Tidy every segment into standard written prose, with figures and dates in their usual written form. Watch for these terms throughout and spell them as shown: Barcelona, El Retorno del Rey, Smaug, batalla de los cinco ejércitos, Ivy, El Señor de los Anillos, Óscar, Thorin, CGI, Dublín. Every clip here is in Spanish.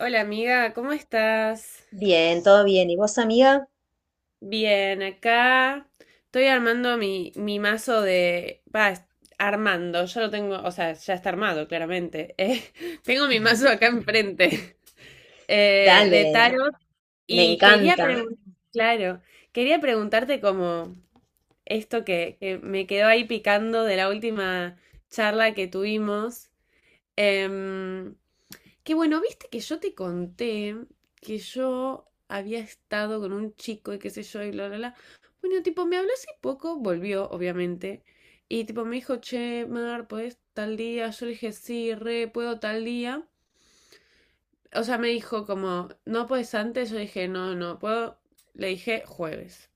Hola amiga, ¿cómo estás? Bien, todo bien. ¿Y vos, amiga? Bien, acá estoy armando mi mazo de... Va, armando, ya lo tengo, o sea, ya está armado, claramente. Tengo mi mazo acá enfrente Dale, de tarot me y quería encanta. preguntar, claro, quería preguntarte como esto que me quedó ahí picando de la última charla que tuvimos. em, Que bueno, viste que yo te conté que yo había estado con un chico y qué sé yo y bla, bla, bla. Bueno, tipo, me habló hace poco, volvió, obviamente. Y tipo, me dijo, che, Mar, ¿puedes tal día? Yo le dije, sí, re, puedo tal día. O sea, me dijo como, ¿no puedes antes? Yo dije, no, no puedo. Le dije, jueves.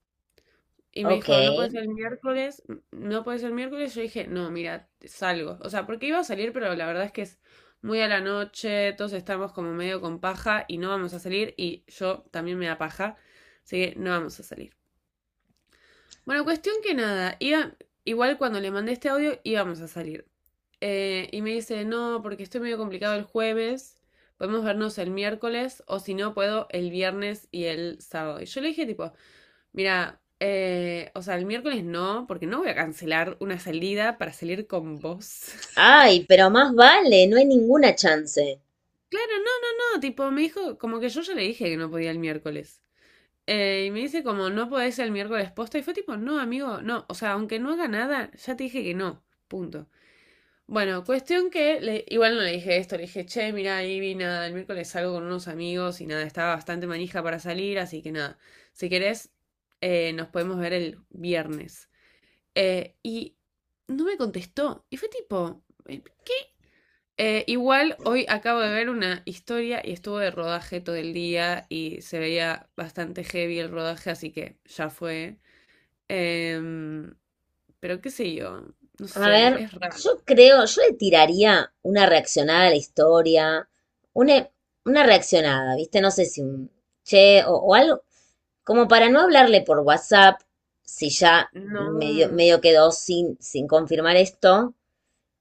Y me Ok. dijo, no puede ser el miércoles, no puede ser el miércoles. Yo dije, no, mira, salgo. O sea, porque iba a salir, pero la verdad es que es muy a la noche, todos estamos como medio con paja y no vamos a salir. Y yo también me da paja, así que no vamos a salir. Bueno, cuestión que nada, iba, igual cuando le mandé este audio íbamos a salir. Y me dice, no, porque estoy medio complicado el jueves, podemos vernos el miércoles o si no puedo el viernes y el sábado. Y yo le dije, tipo, mira, o sea, el miércoles no, porque no voy a cancelar una salida para salir con vos. Ay, pero más vale, no hay ninguna chance. Claro, no, no, no, tipo, me dijo, como que yo ya le dije que no podía el miércoles. Y me dice como, no podés el miércoles posta. Y fue tipo, no, amigo, no, o sea, aunque no haga nada, ya te dije que no, punto. Bueno, cuestión que, igual no le dije esto, le dije, che, mira, Ivy, nada, el miércoles salgo con unos amigos y nada, estaba bastante manija para salir, así que nada, si querés, nos podemos ver el viernes. Y no me contestó. Y fue tipo. Igual hoy acabo de ver una historia y estuvo de rodaje todo el día y se veía bastante heavy el rodaje, así que ya fue. Em, pero qué sé yo, no A sé, ver, es raro. yo creo, yo le tiraría una reaccionada a la historia, una, una reaccionada, ¿viste? No sé si un che o algo, como para no hablarle por WhatsApp, si ya medio, No medio quedó sin, sin confirmar esto.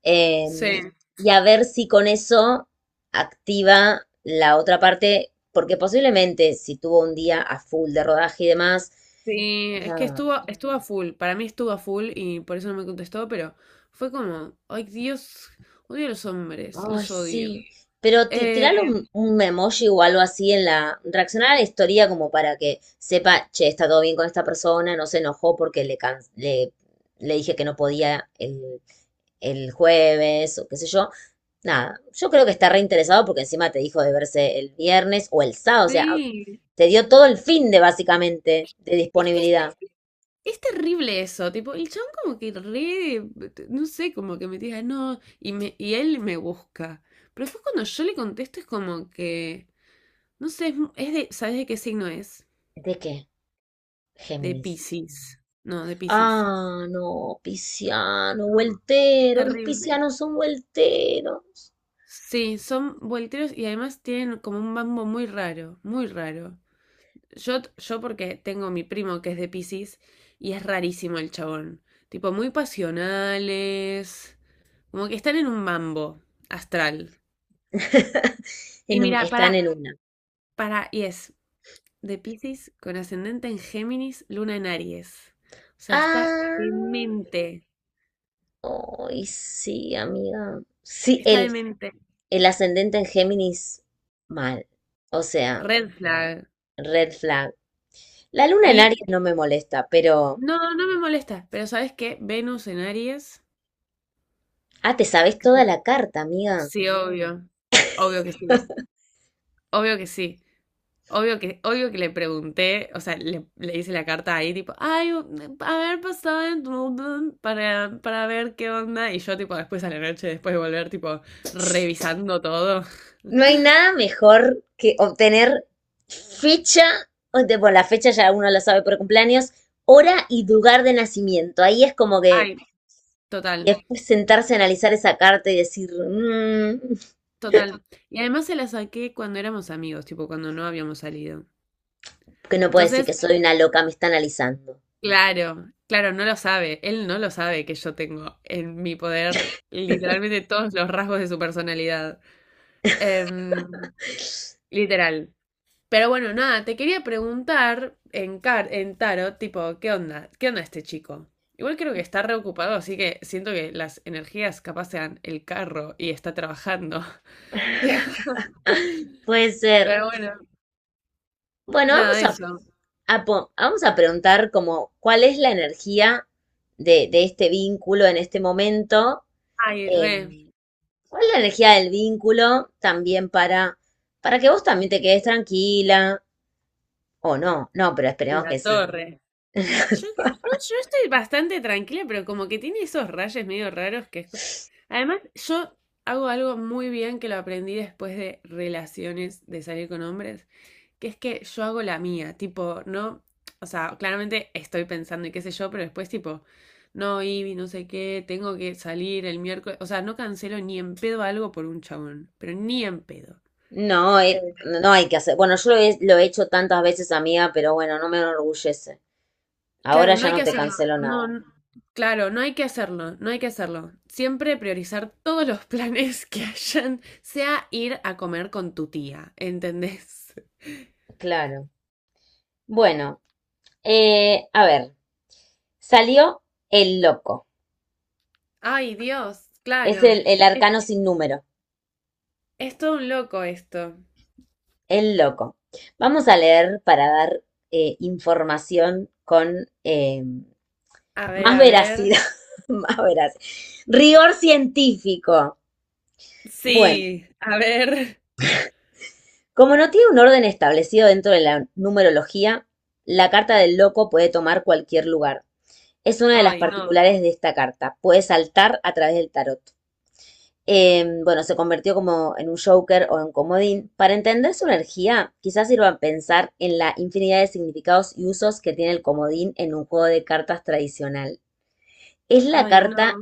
eh, sé. y a ver si con eso activa la otra parte, porque posiblemente si tuvo un día a full de rodaje y demás, Sí, es que nada, estuvo a full. Para mí estuvo a full y por eso no me contestó, pero fue como, ay Dios, odio a los hombres, ay, los odio. sí, pero Eh, tirarle un emoji o algo así en la, reaccionar a la historia como para que sepa, che, está todo bien con esta persona, no se enojó porque le, le, le dije que no podía el jueves o qué sé yo. Nada, yo creo que está reinteresado porque encima te dijo de verse el viernes o el sábado, o sea, sí, se dio todo el fin de básicamente de es que disponibilidad. es terrible eso, tipo, el chabón como que re, no sé, como que me diga no, y, me, y él me busca. Pero después cuando yo le contesto es como que, no sé, es, es de, ¿sabes de qué signo es? ¿De qué? De Géminis. Piscis. No, de Piscis. Ah, no, pisciano, No, es vueltero. Los terrible. piscianos son vuelteros. Sí, son volteros y además tienen como un mambo muy raro, muy raro. Yo, yo porque tengo mi primo que es de Piscis y es rarísimo el chabón. Tipo, muy pasionales. Como que están en un mambo astral. Y mira, Están en una. para, y es de Piscis con ascendente en Géminis, luna en Aries. O sea, está Ah, demente. ay, sí, amiga. Sí, Está demente. el ascendente en Géminis, mal. O sea, Red flag. red flag. La luna en Y Aries no me molesta, pero... no, no me molesta, pero ¿sabes qué? Venus en Aries. Ah, te sabes toda que- la carta, amiga. Sí, obvio. Obvio que sí. Obvio que sí. Obvio que le pregunté, o sea, le hice la carta ahí, tipo, ay, a ver, pasaba en Dublín para ver qué onda. Y yo, tipo, después a la noche, después de volver, tipo, revisando todo. No hay nada mejor que obtener fecha, bueno, la fecha ya uno la sabe por cumpleaños, hora y lugar de nacimiento. Ahí es como que Ay, total, después sentarse a analizar esa carta y decir, "Mm, total. Y además se la saqué cuando éramos amigos, tipo, cuando no habíamos salido. que no puede decir Entonces, que soy una loca, me está analizando". claro, claro, no lo sabe. Él no lo sabe que yo tengo en mi poder literalmente todos los rasgos de su personalidad. Em, literal. Pero bueno, nada, te quería preguntar en, car en tarot, tipo, ¿qué onda? ¿Qué onda este chico? Igual creo que está reocupado, así que siento que las energías capaz sean el carro y está trabajando. Puede ser. Pero bueno, Bueno, nada, eso. Vamos a preguntar como cuál es la energía de este vínculo en este momento. Ay, re, eh, ¿Cuál es la energía del vínculo también para que vos también te quedes tranquila? O no, no, pero esperemos la que sí. torre. Yo, que- yo, yo estoy bastante tranquila, pero como que tiene esos rayos medio raros que es... Además, yo hago algo muy bien que lo aprendí después de relaciones, de salir con hombres, que es que yo hago la mía, tipo, no, o sea, claramente estoy pensando y qué sé yo, pero después tipo, no, Ivy, no sé qué, tengo que salir el miércoles, o sea, no cancelo ni en pedo algo por un chabón, pero ni en pedo. No, Eh, no hay que hacer. Bueno, yo lo he hecho tantas veces, amiga, pero bueno, no me enorgullece. Ahora Claro, no ya hay que no te hacerlo, cancelo nada. Claro, no hay que hacerlo, no hay que hacerlo. Siempre priorizar todos los planes que hayan, sea ir a comer con tu tía, ¿entendés? Claro. Bueno, a ver, salió el loco. Ay, Dios, Es claro, el es, arcano sin número. es todo un loco esto. El loco. Vamos a leer para dar información con A ver, más a ver. veracidad, más veracidad. Rigor científico. Bueno, Sí, a ver. como no tiene un orden establecido dentro de la numerología, la carta del loco puede tomar cualquier lugar. Es una de las Ay, no. particulares de esta carta. Puede saltar a través del tarot. Bueno, se convirtió como en un joker o en comodín. Para entender su energía, quizás sirva pensar en la infinidad de significados y usos que tiene el comodín en un juego de cartas tradicional. Es la Ay, no. carta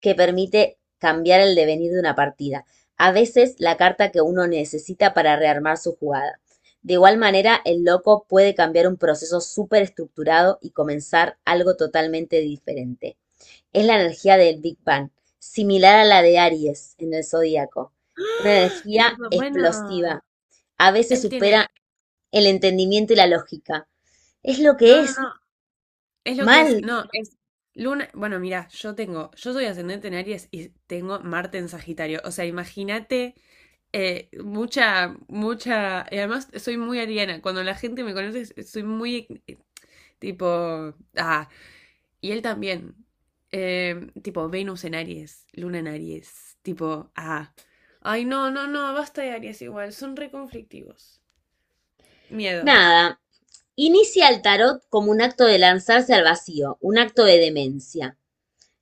que permite cambiar el devenir de una partida. A veces la carta que uno necesita para rearmar su jugada. De igual manera, el loco puede cambiar un proceso súper estructurado y comenzar algo totalmente diferente. Es la energía del Big Bang, similar a la de Aries en el zodíaco. Una ¡Ah! energía Los dos, bueno. explosiva. A veces Él tiene. supera el entendimiento y la lógica. Es lo que No, no, es. no. Es lo que es. Mal. No, es luna. Bueno, mira, yo tengo. Yo soy ascendente en Aries y tengo Marte en Sagitario. O sea, imagínate. Mucha, mucha. Y además soy muy ariana. Cuando la gente me conoce, soy muy tipo. Ah, y él también. Tipo, Venus en Aries, Luna en Aries. Tipo, ah. Ay, no, no, no, basta de Aries igual, son re conflictivos. Miedo. Nada. Inicia el tarot como un acto de lanzarse al vacío, un acto de demencia.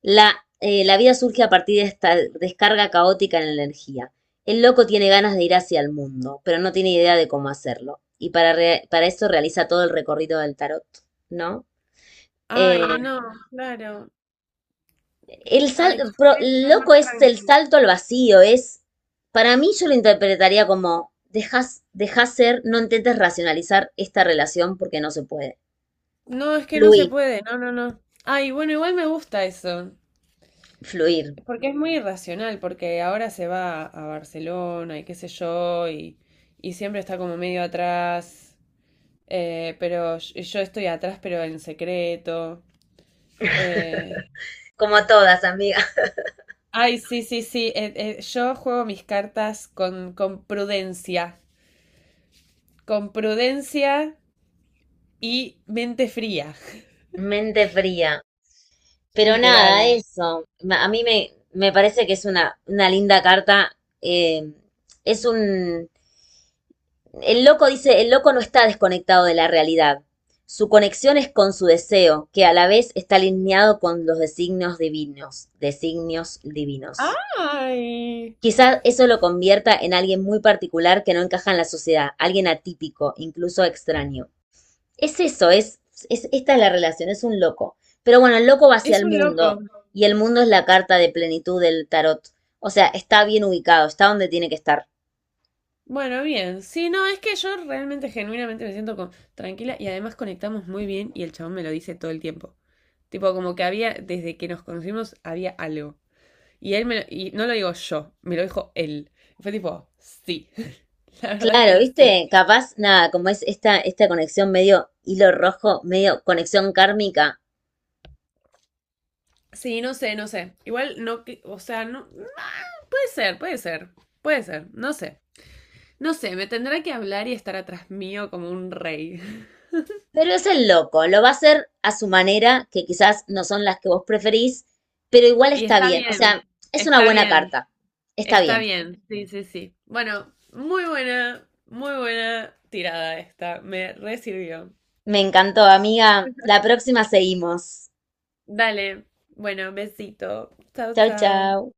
La, la vida surge a partir de esta descarga caótica en la energía. El loco tiene ganas de ir hacia el mundo, pero no tiene idea de cómo hacerlo. Y para, para eso realiza todo el recorrido del tarot, ¿no? Eh, Ay, no, claro. el Ay, yo quería estar loco más es el tranqui. salto al vacío, es, para mí yo lo interpretaría como, dejas, dejas ser, no intentes racionalizar esta relación porque no se puede. No, es que no se Fluir, puede, no, no, no. Ay, bueno, igual me gusta eso. fluir. Porque es muy irracional, porque ahora se va a Barcelona y qué sé yo, y siempre está como medio atrás. Pero yo estoy atrás, pero en secreto. Eh, Como todas, amiga. Ay, sí, sí, sí. Yo juego mis cartas con prudencia. Con prudencia y mente fría, Mente fría. Pero nada, literal. eso. A mí me, me parece que es una linda carta. eh, es un... El loco dice, el loco no está desconectado de la realidad. Su conexión es con su deseo, que a la vez está alineado con los designios divinos. Designios divinos. ¡Ay! Quizás eso lo convierta en alguien muy particular que no encaja en la sociedad, alguien atípico, incluso extraño. Es eso, es, esta es la relación, es un loco. Pero bueno, el loco va hacia Es el un loco. mundo y el mundo es la carta de plenitud del tarot. O sea, está bien ubicado, está donde tiene que estar. Bueno, bien. Sí, no, es que yo realmente, genuinamente me siento tranquila y además conectamos muy bien y el chabón me lo dice todo el tiempo. Tipo, como que había, desde que nos conocimos, había algo. Y él y no lo digo yo, me lo dijo él. Fue tipo, sí, la verdad Claro, que sí. ¿viste? Capaz, nada, como es esta, esta conexión medio hilo rojo, medio conexión kármica. Sí, no sé, no sé. Igual no, o sea, no. ah, Puede ser, puede ser, puede ser, no sé. No sé, me tendrá que hablar y estar atrás mío como un rey. Pero es el loco, lo va a hacer a su manera, que quizás no son las que vos preferís, pero igual Y está está bien. O bien, sea, es una está buena bien, carta. Está está bien. bien. Sí, sí, sí. Bueno, muy buena tirada esta. Me re sirvió. Me encantó, amiga. La próxima seguimos. Dale, bueno, besito. Chao, Chau, chao. chau.